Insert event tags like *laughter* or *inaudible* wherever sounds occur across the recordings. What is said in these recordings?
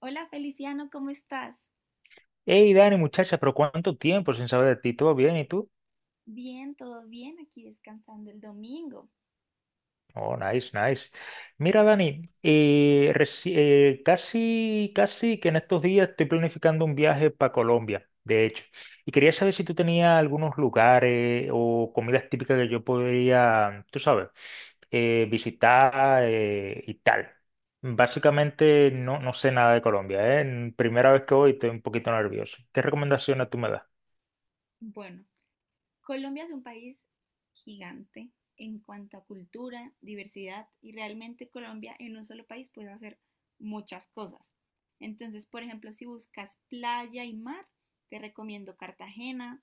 Hola Feliciano, ¿cómo estás? Hey Dani, muchacha, pero ¿cuánto tiempo sin saber de ti? ¿Todo bien? ¿Y tú? Bien, todo bien, aquí descansando el domingo. Oh, nice, nice. Mira, Dani, casi, casi que en estos días estoy planificando un viaje para Colombia, de hecho. Y quería saber si tú tenías algunos lugares o comidas típicas que yo podría, tú sabes, visitar, y tal. Básicamente no sé nada de Colombia, ¿eh? Primera vez que voy estoy un poquito nervioso. ¿Qué recomendaciones tú me das? Bueno, Colombia es un país gigante en cuanto a cultura, diversidad y realmente Colombia en un solo país puede hacer muchas cosas. Entonces, por ejemplo, si buscas playa y mar, te recomiendo Cartagena,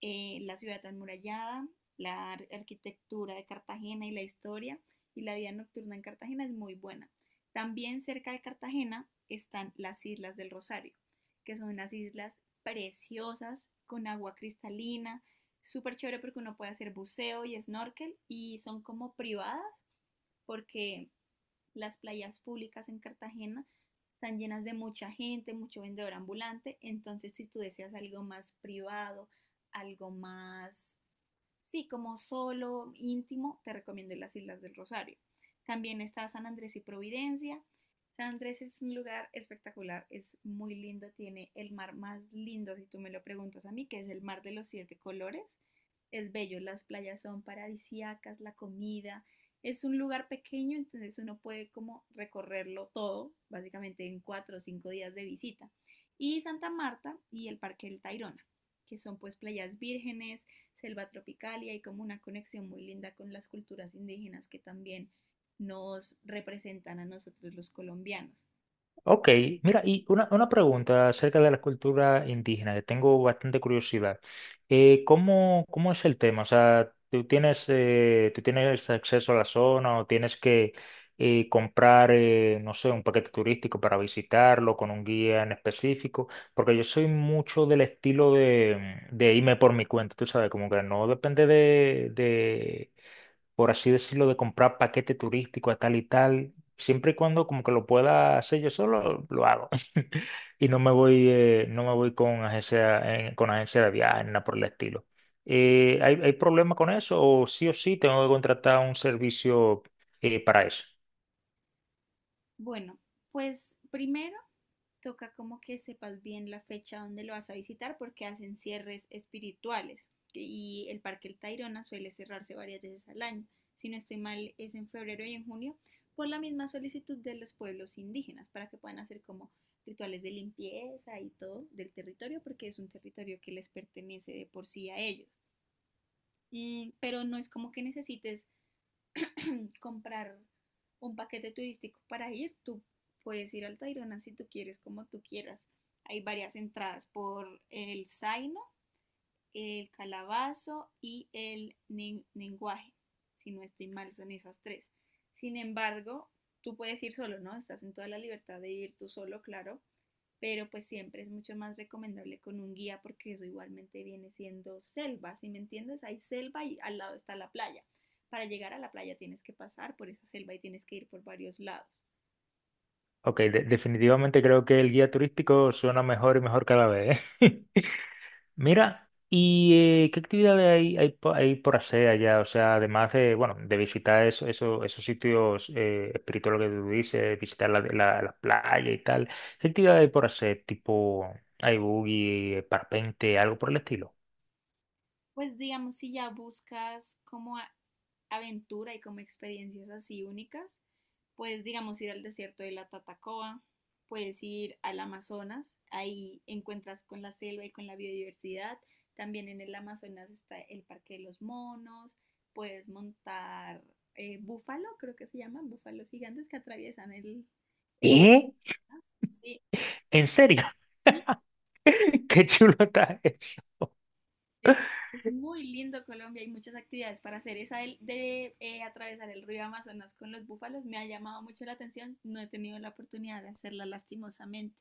la ciudad amurallada, la arquitectura de Cartagena y la historia y la vida nocturna en Cartagena es muy buena. También cerca de Cartagena están las Islas del Rosario, que son unas islas preciosas con agua cristalina, súper chévere porque uno puede hacer buceo y snorkel y son como privadas porque las playas públicas en Cartagena están llenas de mucha gente, mucho vendedor ambulante. Entonces, si tú deseas algo más privado, algo más, sí, como solo, íntimo, te recomiendo las Islas del Rosario. También está San Andrés y Providencia. San Andrés es un lugar espectacular, es muy lindo, tiene el mar más lindo, si tú me lo preguntas a mí, que es el mar de los siete colores. Es bello, las playas son paradisíacas, la comida. Es un lugar pequeño, entonces uno puede como recorrerlo todo, básicamente en cuatro o cinco días de visita. Y Santa Marta y el Parque del Tayrona, que son pues playas vírgenes, selva tropical y hay como una conexión muy linda con las culturas indígenas que también nos representan a nosotros los colombianos. Ok, mira, y una pregunta acerca de la cultura indígena, que tengo bastante curiosidad. Cómo es el tema? O sea, tú tienes acceso a la zona o tienes que comprar, no sé, un paquete turístico para visitarlo con un guía en específico? Porque yo soy mucho del estilo de irme por mi cuenta, tú sabes, como que no depende de, por así decirlo, de comprar paquete turístico a tal y tal. Siempre y cuando como que lo pueda hacer yo solo, lo hago. *laughs* Y no me voy, no me voy con agencia de viajes, nada por el estilo. Hay problema con eso? O sí tengo que contratar un servicio para eso? Bueno, pues primero toca como que sepas bien la fecha donde lo vas a visitar porque hacen cierres espirituales y el Parque El Tayrona suele cerrarse varias veces al año. Si no estoy mal, es en febrero y en junio por la misma solicitud de los pueblos indígenas para que puedan hacer como rituales de limpieza y todo del territorio porque es un territorio que les pertenece de por sí a ellos. Pero no es como que necesites comprar un paquete turístico para ir, tú puedes ir al Tayrona si tú quieres, como tú quieras. Hay varias entradas por el Zaino, el Calabazo y el Lenguaje. Si no estoy mal, son esas tres. Sin embargo, tú puedes ir solo, ¿no? Estás en toda la libertad de ir tú solo, claro, pero pues siempre es mucho más recomendable con un guía porque eso igualmente viene siendo selva, si me entiendes, hay selva y al lado está la playa. Para llegar a la playa tienes que pasar por esa selva y tienes que ir por varios lados. Ok, definitivamente creo que el guía turístico suena mejor y mejor cada vez, ¿eh? *laughs* Mira, ¿y qué actividades hay por hacer allá? O sea, además de, bueno, de visitar esos sitios espirituales que tú dices, visitar la playa y tal, ¿qué actividades hay por hacer? Tipo, hay buggy, parpente, algo por el estilo. Pues digamos, si ya buscas como aventura y como experiencias así únicas, puedes, digamos, ir al desierto de la Tatacoa, puedes ir al Amazonas, ahí encuentras con la selva y con la biodiversidad. También en el Amazonas está el Parque de los Monos, puedes montar búfalo, creo que se llaman, búfalos gigantes que atraviesan el... ¿Qué? Sí, ¿En serio? sí, *laughs* Qué chulo está eso. es, es muy lindo Colombia, hay muchas actividades para hacer. Esa de, de atravesar el río Amazonas con los búfalos me ha llamado mucho la atención, no he tenido la oportunidad de hacerla lastimosamente.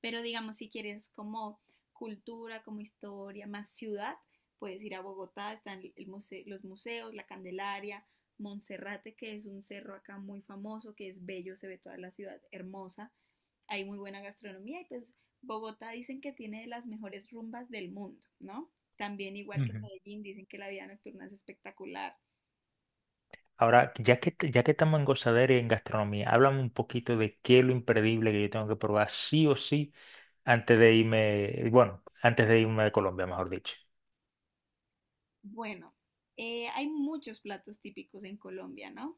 Pero digamos, si quieres como cultura, como historia, más ciudad, puedes ir a Bogotá, están el muse los museos, la Candelaria, Monserrate, que es un cerro acá muy famoso, que es bello, se ve toda la ciudad hermosa, hay muy buena gastronomía y pues Bogotá dicen que tiene de las mejores rumbas del mundo, ¿no? También igual que Ujú. Medellín, dicen que la vida nocturna es espectacular. Ahora, ya que estamos en gozadera y en gastronomía, háblame un poquito de qué es lo imperdible que yo tengo que probar sí o sí antes de irme, bueno, antes de irme de Colombia, mejor dicho. Bueno, hay muchos platos típicos en Colombia, ¿no?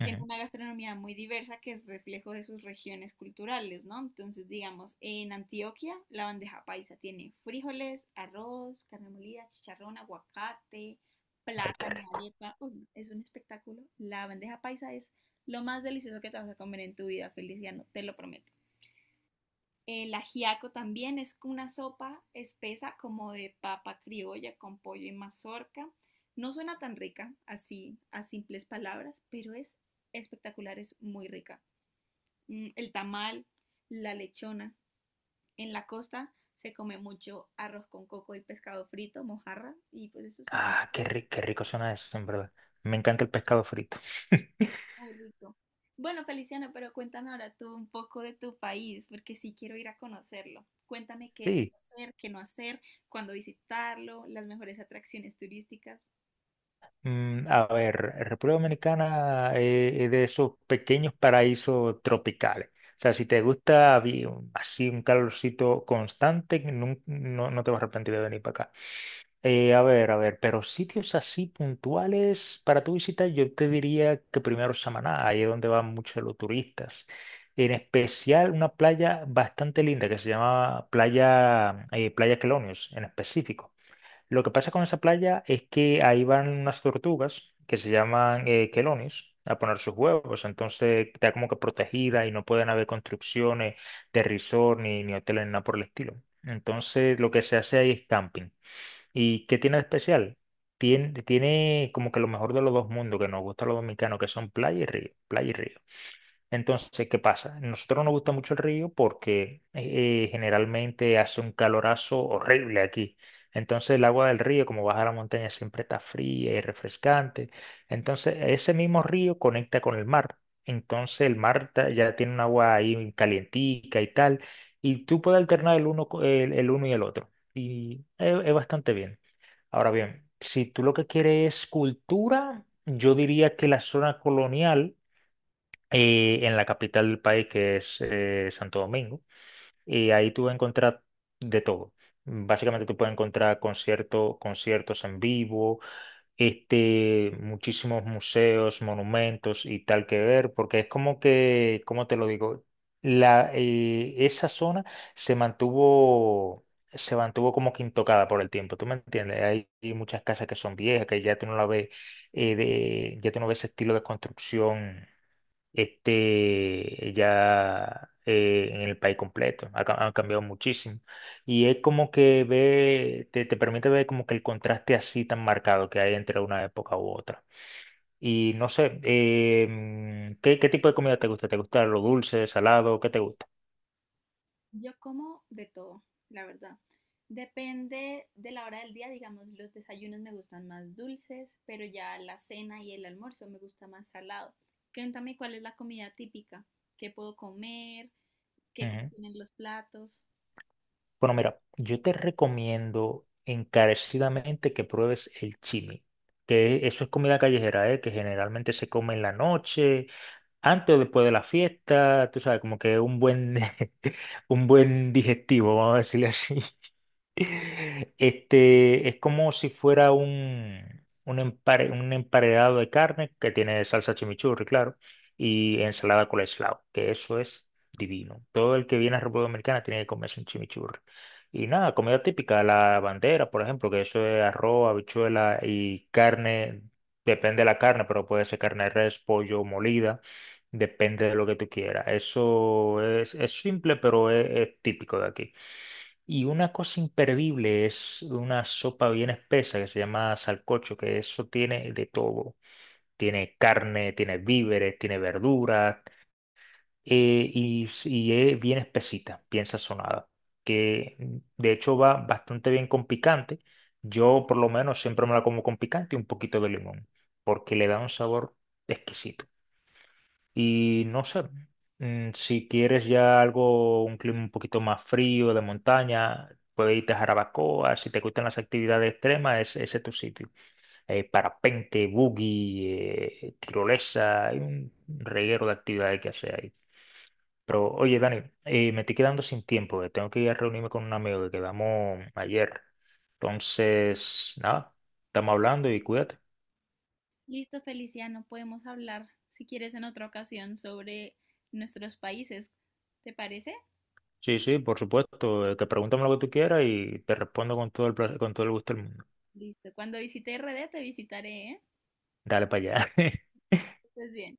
Tiene Ujú. una gastronomía muy diversa que es reflejo de sus regiones culturales, ¿no? Entonces, digamos, en Antioquia la bandeja paisa tiene frijoles, arroz, carne molida, chicharrón, aguacate, Ay, qué plátano, rico. arepa. Uy, no, es un espectáculo. La bandeja paisa es lo más delicioso que te vas a comer en tu vida, Feliciano, te lo prometo. El ajiaco también es una sopa espesa como de papa criolla con pollo y mazorca. No suena tan rica así a simples palabras, pero es espectacular, es muy rica. El tamal, la lechona. En la costa se come mucho arroz con coco y pescado frito, mojarra, y pues eso es un... Ah, qué rico suena eso, en verdad. Me encanta el pescado frito. *laughs* Muy rico. Bueno, Feliciano, pero cuéntame ahora tú un poco de tu país, porque sí quiero ir a conocerlo. Cuéntame qué Sí, hacer, qué no hacer, cuándo visitarlo, las mejores atracciones turísticas. mm, a ver, República Dominicana es de esos pequeños paraísos tropicales. O sea, si te gusta vi- así un calorcito constante, no te vas a arrepentir de venir para acá. A ver, pero sitios así puntuales para tu visita, yo te diría que primero Samaná, ahí es donde van muchos los turistas. En especial una playa bastante linda que se llama Playa Quelonios en específico. Lo que pasa con esa playa es que ahí van unas tortugas que se llaman quelonios a poner sus huevos, entonces está como que protegida y no pueden haber construcciones de resort ni hoteles ni nada por el estilo. Entonces lo que se hace ahí es camping. ¿Y qué tiene de especial? Tiene como que lo mejor de los dos mundos que nos gusta a los dominicanos, que son playa y río, playa y río. Entonces, ¿qué pasa? Nosotros nos gusta mucho el río porque generalmente hace un calorazo horrible aquí. Entonces, el agua del río, como baja la montaña, siempre está fría y refrescante. Entonces, ese mismo río conecta con el mar. Entonces, ya tiene un agua ahí calientica y tal. Y tú puedes alternar el uno y el otro. Y es bastante bien. Ahora bien, si tú lo que quieres es cultura, yo diría que la zona colonial y en la capital del país, que es Santo Domingo. Y ahí tú vas a encontrar de todo. Básicamente tú puedes encontrar conciertos en vivo, este, muchísimos museos, monumentos y tal que ver, porque es como que, ¿cómo te lo digo? La, esa zona se mantuvo, se mantuvo como que intocada por el tiempo, ¿tú me entiendes? Hay muchas casas que son viejas, que ya tú no la ves, ya tú no ves ese estilo de construcción este, ya en el país completo. Ha cambiado muchísimo. Y es como que te permite ver como que el contraste así tan marcado que hay entre una época u otra. Y no sé, qué tipo de comida te gusta? ¿Te gusta lo dulce, salado? ¿Qué te gusta? Yo como de todo, la verdad. Depende de la hora del día, digamos, los desayunos me gustan más dulces, pero ya la cena y el almuerzo me gusta más salado. Cuéntame cuál es la comida típica, qué puedo comer, qué contienen los platos. Bueno, mira, yo te recomiendo encarecidamente que pruebes el chimi, que eso es comida callejera, ¿eh? Que generalmente se come en la noche, antes o después de la fiesta, tú sabes, como que un buen, *laughs* un buen digestivo, vamos a decirle así. *laughs* Este, es como si fuera un emparedado de carne que tiene salsa chimichurri, claro, y ensalada coleslaw, que eso es divino. Todo el que viene a República Dominicana tiene que comerse un chimichurri. Y nada, comida típica, la bandera, por ejemplo, que eso es arroz, habichuela y carne, depende de la carne, pero puede ser carne de res, pollo, molida, depende de lo que tú quieras. Eso es simple, pero es típico de aquí. Y una cosa imperdible es una sopa bien espesa que se llama salcocho, que eso tiene de todo. Tiene carne, tiene víveres, tiene verduras, y es bien espesita, bien sazonada, que mm, de hecho va bastante bien con picante. Yo por lo menos siempre me la como con picante y un poquito de limón, porque le da un sabor exquisito. Y no sé, mm, si quieres ya algo, un clima un poquito más frío, de montaña, puedes irte a Jarabacoa, si te gustan las actividades extremas, ese es tu sitio. Parapente, buggy, tirolesa, hay un reguero de actividades que hacer ahí. Pero oye, Dani, me estoy quedando sin tiempo, tengo que ir a reunirme con un amigo que quedamos ayer. Entonces, nada, estamos hablando y cuídate. Listo, Feliciano, podemos hablar, si quieres, en otra ocasión sobre nuestros países. ¿Te parece? Sí, sí, por supuesto. Que pregúntame lo que tú quieras y te respondo con todo con todo el gusto del mundo. Listo. Cuando visite RD te visitaré, ¿eh? Dale para allá. *laughs* Que estés bien.